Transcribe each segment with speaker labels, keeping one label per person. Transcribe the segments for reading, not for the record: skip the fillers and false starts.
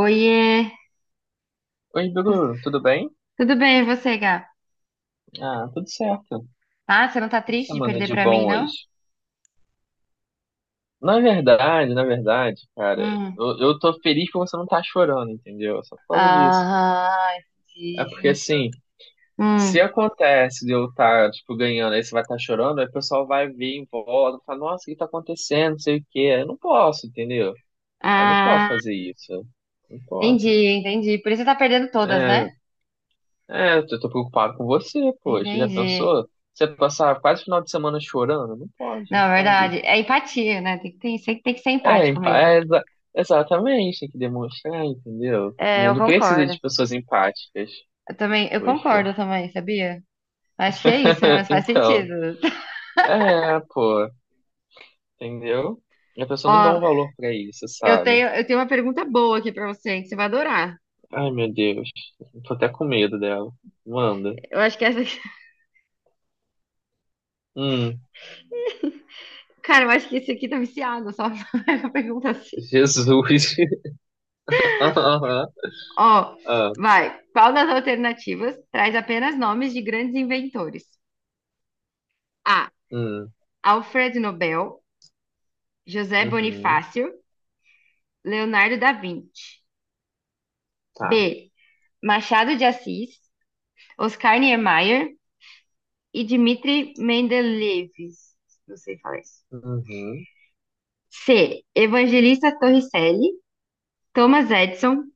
Speaker 1: Oiê,
Speaker 2: Oi, Bruno, tudo bem?
Speaker 1: tudo bem e você, Gá?
Speaker 2: Ah, tudo certo. O
Speaker 1: Ah, você não tá
Speaker 2: que
Speaker 1: triste de
Speaker 2: semana
Speaker 1: perder
Speaker 2: de
Speaker 1: pra mim,
Speaker 2: bom
Speaker 1: não?
Speaker 2: hoje? Na verdade, cara,
Speaker 1: Hum.
Speaker 2: eu tô feliz que você não tá chorando, entendeu? Só por causa disso.
Speaker 1: Ah,
Speaker 2: É
Speaker 1: entendi,
Speaker 2: porque,
Speaker 1: justo.
Speaker 2: assim, se
Speaker 1: Hum.
Speaker 2: acontece de eu estar, tipo, ganhando, aí você vai estar chorando, aí o pessoal vai vir em volta, fala, nossa, o que tá acontecendo, não sei o quê. Aí eu não posso, entendeu? Aí eu não posso
Speaker 1: Ah,
Speaker 2: fazer isso. Não posso.
Speaker 1: entendi, entendi. Por isso você tá perdendo todas,
Speaker 2: É,
Speaker 1: né?
Speaker 2: é, eu tô preocupado com você, poxa, já
Speaker 1: Entendi.
Speaker 2: pensou? Você passar quase o final de semana chorando? Não pode, não
Speaker 1: Não, é
Speaker 2: pode.
Speaker 1: verdade. É empatia, né? Tem que ter, sempre tem que ser
Speaker 2: É,
Speaker 1: empático
Speaker 2: empa- é
Speaker 1: mesmo.
Speaker 2: exa- Exatamente, tem que demonstrar, entendeu? O
Speaker 1: É, eu
Speaker 2: mundo precisa
Speaker 1: concordo.
Speaker 2: de pessoas empáticas.
Speaker 1: Eu também, eu
Speaker 2: Poxa.
Speaker 1: concordo também, sabia? Acho que é isso, mas faz
Speaker 2: Então,
Speaker 1: sentido.
Speaker 2: é, pô, entendeu? E a pessoa não dá
Speaker 1: Ó,
Speaker 2: um valor pra isso, sabe?
Speaker 1: eu tenho uma pergunta boa aqui pra você, que você vai adorar.
Speaker 2: Ai, meu Deus. Tô até com medo dela. Manda.
Speaker 1: Eu acho que essa
Speaker 2: Hum,
Speaker 1: Cara, eu acho que esse aqui tá viciado, só a pergunta assim.
Speaker 2: Jesus. Aham.
Speaker 1: Ó,
Speaker 2: Ah,
Speaker 1: vai. Qual das alternativas traz apenas nomes de grandes inventores? A.
Speaker 2: hum,
Speaker 1: Alfred Nobel, José
Speaker 2: uhum,
Speaker 1: Bonifácio, Leonardo da Vinci.
Speaker 2: tá.
Speaker 1: B. Machado de Assis, Oscar Niemeyer e Dmitri Mendeleev. Não sei falar isso.
Speaker 2: Uhum,
Speaker 1: C. Evangelista Torricelli, Thomas Edison,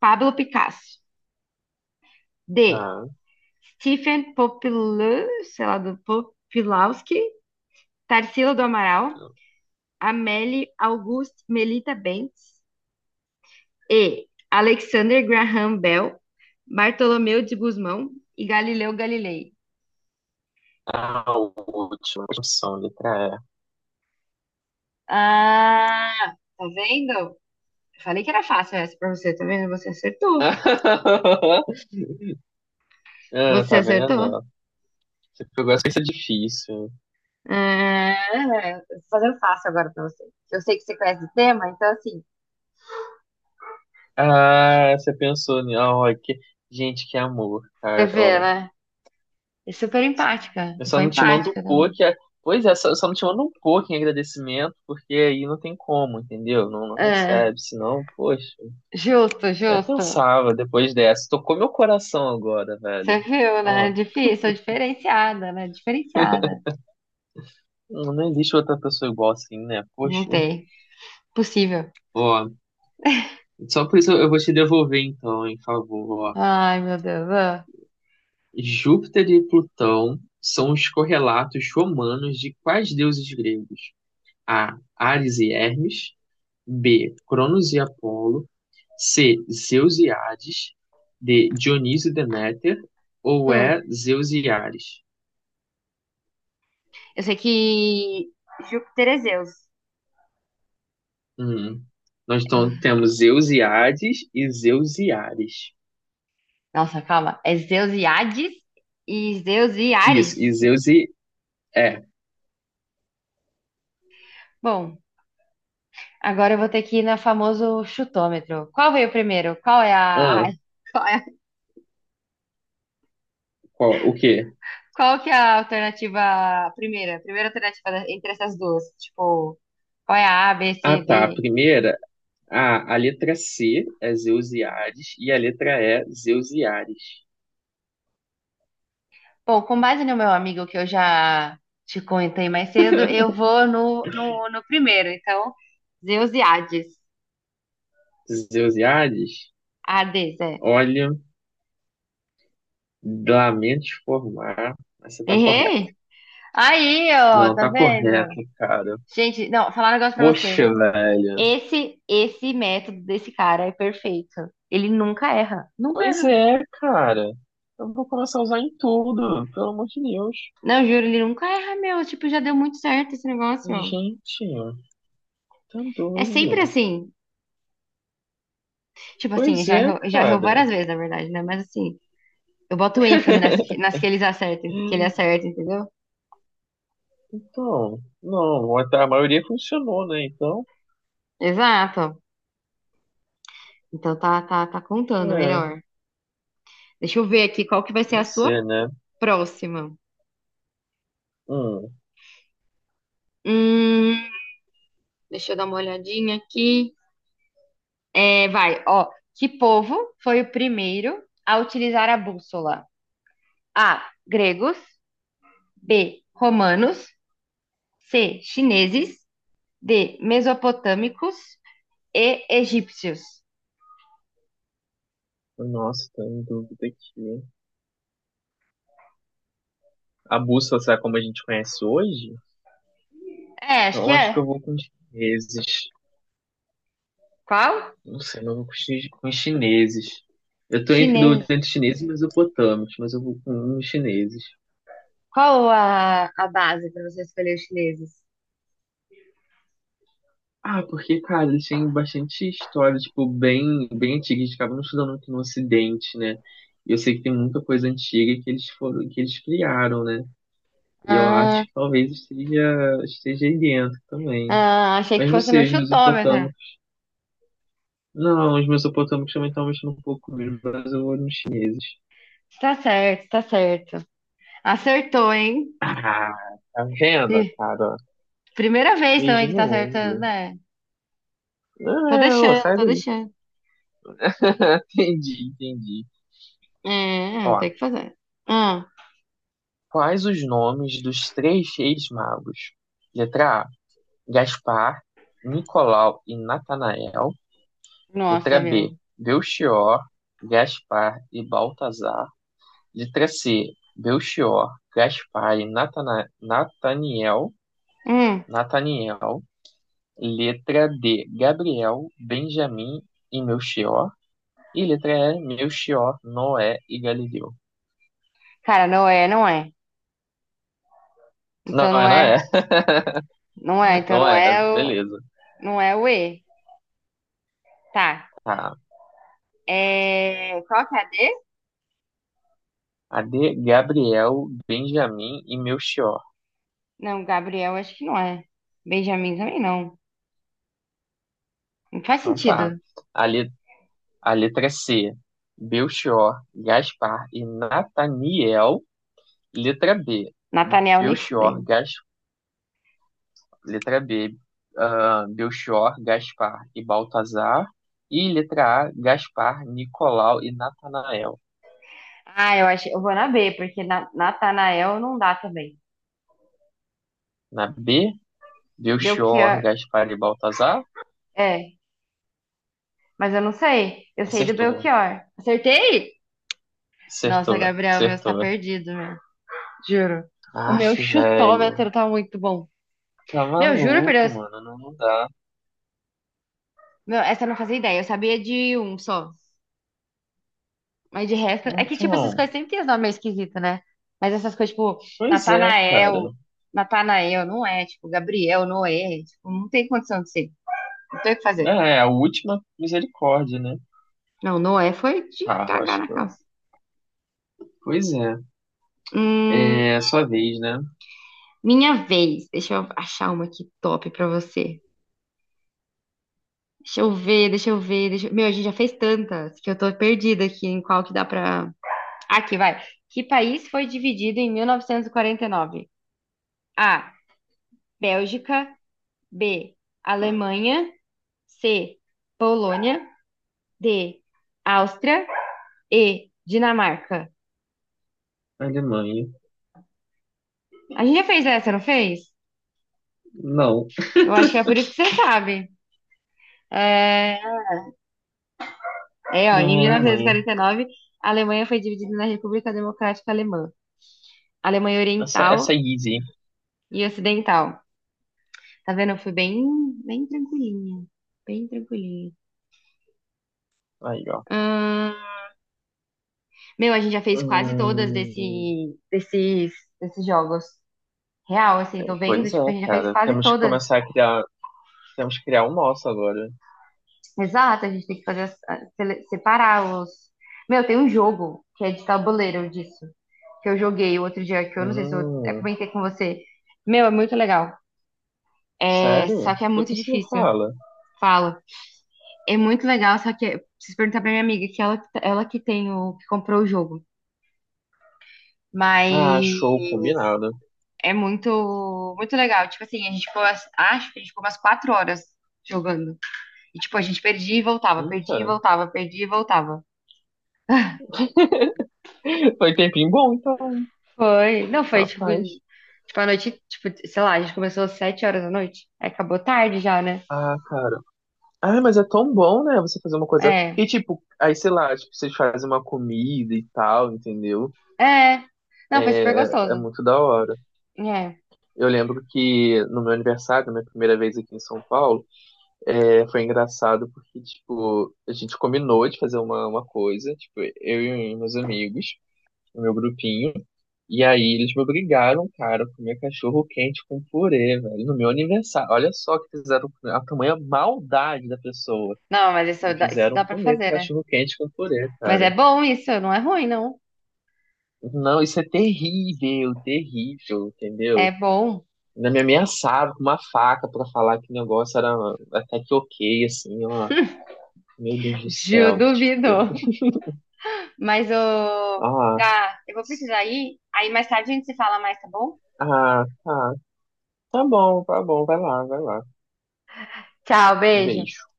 Speaker 1: Pablo Picasso. D.
Speaker 2: tá.
Speaker 1: Stephen Popilou, sei lá, do Popilowski, Tarsila do Amaral, Amélie Auguste Melita Bentes e Alexander Graham Bell, Bartolomeu de Gusmão e Galileu Galilei.
Speaker 2: A última opção, letra
Speaker 1: Ah, tá vendo? Falei que era fácil essa pra você, tá vendo? Você
Speaker 2: E.
Speaker 1: acertou.
Speaker 2: Ah,
Speaker 1: Você
Speaker 2: tá
Speaker 1: acertou?
Speaker 2: vendo? Você pegou essa, isso é difícil.
Speaker 1: Ah, eu tô fazendo fácil agora pra você. Eu sei que você conhece o tema, então assim,
Speaker 2: Ah, você pensou, né? Ah, ó, que... Gente, que amor,
Speaker 1: você
Speaker 2: cara.
Speaker 1: vê,
Speaker 2: Ó.
Speaker 1: né? É super empática.
Speaker 2: Eu
Speaker 1: Eu
Speaker 2: só
Speaker 1: sou
Speaker 2: não te mando um
Speaker 1: empática também.
Speaker 2: pouco. Pois é, só não te mando um pouco em agradecimento, porque aí não tem como, entendeu? Não, não
Speaker 1: É.
Speaker 2: recebe, senão, poxa.
Speaker 1: Justo,
Speaker 2: Até
Speaker 1: justo.
Speaker 2: pensava depois dessa. Tocou meu coração agora, velho.
Speaker 1: Você viu, né?
Speaker 2: Ó,
Speaker 1: Difícil, sou diferenciada, né? Diferenciada.
Speaker 2: não, não existe outra pessoa igual assim, né?
Speaker 1: Não
Speaker 2: Poxa.
Speaker 1: tem. Possível.
Speaker 2: Ó, só por isso eu vou te devolver então, em favor, ó.
Speaker 1: Ai, meu Deus. Ah.
Speaker 2: Júpiter e Plutão são os correlatos romanos de quais deuses gregos? A. Ares e Hermes. B. Cronos e Apolo. C. Zeus e Hades. D. Dionísio e Deméter. Ou
Speaker 1: Hum,
Speaker 2: E. Zeus e Ares?
Speaker 1: eu sei que Júpiter é Zeus.
Speaker 2: Hum. Nós então temos Zeus e Hades e Zeus e Ares.
Speaker 1: Nossa, calma. É Zeus e Hades e Zeus e
Speaker 2: Isso,
Speaker 1: Ares.
Speaker 2: e Zeus e. É.
Speaker 1: Bom, agora eu vou ter que ir na famoso chutômetro. Qual veio primeiro? Qual é a...
Speaker 2: Ah,
Speaker 1: ai, qual é...
Speaker 2: qual? O quê?
Speaker 1: Qual que é a alternativa primeira? Primeira alternativa da- entre essas duas. Tipo, qual é a A, B,
Speaker 2: Ah,
Speaker 1: C,
Speaker 2: tá.
Speaker 1: D?
Speaker 2: A letra C é Zeus e Hades e a letra E, Zeus e Ares.
Speaker 1: Bom, com base no meu amigo que eu já te contei mais cedo, eu vou no primeiro. Então, Zeus e Hades.
Speaker 2: Zeus e Hades,
Speaker 1: Hades, é.
Speaker 2: olha, lamento te informar, mas você tá correto.
Speaker 1: Errei? Aí, ó,
Speaker 2: Não,
Speaker 1: tá
Speaker 2: tá
Speaker 1: vendo?
Speaker 2: correto, cara.
Speaker 1: Gente, não, falar um negócio pra você.
Speaker 2: Poxa, velho.
Speaker 1: Esse método desse cara é perfeito. Ele nunca erra. Nunca
Speaker 2: Pois
Speaker 1: erra.
Speaker 2: é, cara. Eu vou começar a usar em tudo, pelo amor de Deus.
Speaker 1: Não, juro, ele nunca erra, meu. Tipo, já deu muito certo esse negócio.
Speaker 2: Gente, tá
Speaker 1: É sempre
Speaker 2: doido.
Speaker 1: assim. Tipo assim,
Speaker 2: Pois é,
Speaker 1: já errou
Speaker 2: cara.
Speaker 1: várias vezes, na verdade, né? Mas assim, eu boto ênfase nas que eles acertam, que ele acerta, entendeu?
Speaker 2: Então, não, a maioria funcionou, né? Então,
Speaker 1: Exato. Então tá contando
Speaker 2: é,
Speaker 1: melhor. Deixa eu ver aqui qual que vai ser a
Speaker 2: não
Speaker 1: sua
Speaker 2: sei, né?
Speaker 1: próxima.
Speaker 2: Hum.
Speaker 1: Hum, deixa eu dar uma olhadinha aqui. É, vai, ó. Que povo foi o primeiro a utilizar a bússola? A. Gregos. B. Romanos. C. Chineses. D. Mesopotâmicos. E. Egípcios.
Speaker 2: Nossa, tô em dúvida aqui. A bússola será como a gente conhece hoje?
Speaker 1: É, acho que
Speaker 2: Então acho
Speaker 1: é.
Speaker 2: que eu vou com os chineses.
Speaker 1: Qual?
Speaker 2: Não sei, mas eu vou com os chineses. Eu tô entre, do,
Speaker 1: Chineses.
Speaker 2: entre chineses e mesopotâmicos, mas eu vou com os chineses.
Speaker 1: Qual a base para você escolher os chineses?
Speaker 2: Ah, porque, cara, eles têm bastante história, tipo, bem antiga. A gente acaba não estudando muito no Ocidente, né? E eu sei que tem muita coisa antiga que eles foram, que eles criaram, né? E eu acho
Speaker 1: Ah.
Speaker 2: que talvez esteja aí dentro também.
Speaker 1: Ah, achei que
Speaker 2: Mas não
Speaker 1: fosse no
Speaker 2: sei, os
Speaker 1: chutômetro.
Speaker 2: mesopotâmicos. Não, os mesopotâmicos também estão mexendo um pouco comigo, mas eu vou nos chineses.
Speaker 1: Tá certo, tá certo. Acertou, hein?
Speaker 2: Ah, tá vendo,
Speaker 1: Pri-
Speaker 2: cara?
Speaker 1: Primeira vez também que
Speaker 2: Beijinho
Speaker 1: tá
Speaker 2: no
Speaker 1: acertando,
Speaker 2: ombro.
Speaker 1: né?
Speaker 2: Não,
Speaker 1: Tô
Speaker 2: é, ô,
Speaker 1: deixando,
Speaker 2: sai
Speaker 1: tô
Speaker 2: daí.
Speaker 1: deixando.
Speaker 2: Entendi, entendi. Ó,
Speaker 1: Tem que fazer. Hum,
Speaker 2: quais os nomes dos três reis magos? Letra A, Gaspar, Nicolau e Natanael. Letra
Speaker 1: nossa, meu.
Speaker 2: B, Belchior, Gaspar e Baltazar. Letra C, Belchior, Gaspar e Nataniel.
Speaker 1: Hum,
Speaker 2: Nataniel. Letra D, Gabriel, Benjamim e Melchior. E letra E, Melchior, Noé e Galileu.
Speaker 1: cara, não é, não é.
Speaker 2: Não,
Speaker 1: Então não
Speaker 2: é
Speaker 1: é,
Speaker 2: Noé,
Speaker 1: não é, então
Speaker 2: não
Speaker 1: não
Speaker 2: é,
Speaker 1: é o,
Speaker 2: beleza.
Speaker 1: não é o E. Tá.
Speaker 2: Tá.
Speaker 1: É, qual que é a D?
Speaker 2: A D, Gabriel, Benjamim e Melchior.
Speaker 1: Não, Gabriel, acho que não é. Benjamin também não. Não faz
Speaker 2: Então tá.
Speaker 1: sentido.
Speaker 2: A, le- a letra C, Belchior, Gaspar e Nataniel. Letra B,
Speaker 1: Nathaniel nem
Speaker 2: Belchior,
Speaker 1: fudei.
Speaker 2: Gas Letra B, ah, Belchior, Gaspar e Baltazar. E letra A, Gaspar, Nicolau e Natanael.
Speaker 1: Ah, eu acho, eu vou na B, porque na, Natanael não dá também.
Speaker 2: Na B, Belchior,
Speaker 1: Belchior,
Speaker 2: Gaspar e Baltazar.
Speaker 1: é, mas eu não sei. Eu sei do
Speaker 2: Acertou,
Speaker 1: Belchior. Acertei? Nossa,
Speaker 2: acertou,
Speaker 1: Gabriel, o meu está
Speaker 2: acertou.
Speaker 1: perdido, meu. Juro. O
Speaker 2: Aff,
Speaker 1: meu
Speaker 2: velho.
Speaker 1: chutômetro tá muito bom.
Speaker 2: Tá
Speaker 1: Meu, juro por
Speaker 2: maluco,
Speaker 1: Deus.
Speaker 2: mano. Não, não dá.
Speaker 1: Meu, essa eu não fazia ideia. Eu sabia de um só. Mas de resto. É que, tipo, essas
Speaker 2: Então,
Speaker 1: coisas sempre tem os nomes meio esquisitos, né? Mas essas coisas, tipo,
Speaker 2: pois é, cara.
Speaker 1: Natanael, Natanael, não é. Tipo, Gabriel, Noé. Tipo, não tem condição de ser. Não tem o que
Speaker 2: É,
Speaker 1: fazer.
Speaker 2: é a última misericórdia, né?
Speaker 1: Não, Noé foi de
Speaker 2: Ah,
Speaker 1: cagar
Speaker 2: acho
Speaker 1: na
Speaker 2: que.
Speaker 1: calça.
Speaker 2: Pois é.
Speaker 1: Hum,
Speaker 2: É sua vez, né?
Speaker 1: minha vez. Deixa eu achar uma aqui top pra você. Deixa... eu- Meu, a gente já fez tantas que eu tô perdida aqui em qual que dá pra... Aqui, vai. Que país foi dividido em 1949? A. Bélgica. B. Alemanha. C. Polônia. D. Áustria. E. Dinamarca.
Speaker 2: Alemanha.
Speaker 1: A gente já fez essa, não fez?
Speaker 2: Não.
Speaker 1: Eu acho que é por isso que você sabe. É, É, ó,
Speaker 2: Não
Speaker 1: em
Speaker 2: é Alemanha.
Speaker 1: 1949, a Alemanha foi dividida na República Democrática Alemã. Alemanha
Speaker 2: Essa,
Speaker 1: Oriental
Speaker 2: essa é easy.
Speaker 1: e Ocidental. Tá vendo? Fui bem, bem tranquilinha. Bem tranquilinha.
Speaker 2: Aí, ó.
Speaker 1: Ahn, meu, a gente já fez quase todas
Speaker 2: Hum,
Speaker 1: desses, desses jogos. Real, assim, tô vendo,
Speaker 2: pois é,
Speaker 1: tipo, a gente já fez
Speaker 2: cara.
Speaker 1: quase
Speaker 2: Temos que
Speaker 1: todas.
Speaker 2: começar a criar. Temos que criar o nosso agora.
Speaker 1: Exato, a gente tem que fazer, as- a- sele- separar os... Meu, tem um jogo que é de tabuleiro disso, que eu joguei o outro dia, que eu não sei se eu até
Speaker 2: Hum,
Speaker 1: comentei com você. Meu, é muito legal. É, só
Speaker 2: sério?
Speaker 1: que é muito
Speaker 2: Depois você me
Speaker 1: difícil.
Speaker 2: fala.
Speaker 1: Fala. É muito legal, só que eu preciso perguntar pra minha amiga, que ela que tem o, que comprou o jogo. Mas
Speaker 2: Ah, show, combinado.
Speaker 1: é muito, muito legal. Tipo assim, a gente ficou, as- acho que a gente ficou umas 4 horas jogando. E tipo, a gente perdia e voltava,
Speaker 2: Eita.
Speaker 1: perdia e voltava, perdia e voltava.
Speaker 2: Foi tempinho bom, então.
Speaker 1: Foi. Não, foi tipo. Em-
Speaker 2: Rapaz.
Speaker 1: tipo, a noite, tipo, sei lá, a gente começou às 7 horas da noite. Aí acabou tarde já, né?
Speaker 2: Ah, cara. Ah, mas é tão bom, né? Você fazer uma coisa.
Speaker 1: É.
Speaker 2: Porque, tipo, aí, sei lá, tipo, vocês fazem uma comida e tal, entendeu?
Speaker 1: É. Não, foi
Speaker 2: É,
Speaker 1: super
Speaker 2: é
Speaker 1: gostoso.
Speaker 2: muito da hora.
Speaker 1: É.
Speaker 2: Eu lembro que no meu aniversário, minha primeira vez aqui em São Paulo, é, foi engraçado porque, tipo, a gente combinou de fazer uma coisa, tipo, eu e meus amigos, o meu grupinho, e aí eles me obrigaram, cara, a comer cachorro quente com purê, velho, no meu aniversário. Olha só que fizeram a tamanha maldade da pessoa.
Speaker 1: Não, mas
Speaker 2: Me
Speaker 1: isso
Speaker 2: fizeram
Speaker 1: dá pra
Speaker 2: comer
Speaker 1: fazer, né?
Speaker 2: cachorro quente com purê,
Speaker 1: Mas
Speaker 2: cara.
Speaker 1: é bom isso, não é ruim, não.
Speaker 2: Não, isso é terrível, terrível,
Speaker 1: É
Speaker 2: entendeu?
Speaker 1: bom.
Speaker 2: Ainda me ameaçaram com uma faca pra falar que o negócio era até que ok, assim, ó. Meu Deus do
Speaker 1: Ju,
Speaker 2: céu, tipo.
Speaker 1: duvido. Mas, ô,
Speaker 2: Ah,
Speaker 1: Gá, eu vou precisar ir. Aí mais tarde a gente se fala mais, tá bom?
Speaker 2: ah, tá. Tá bom, tá bom. Vai lá, vai lá.
Speaker 1: Tchau,
Speaker 2: Um
Speaker 1: beijo.
Speaker 2: beijo.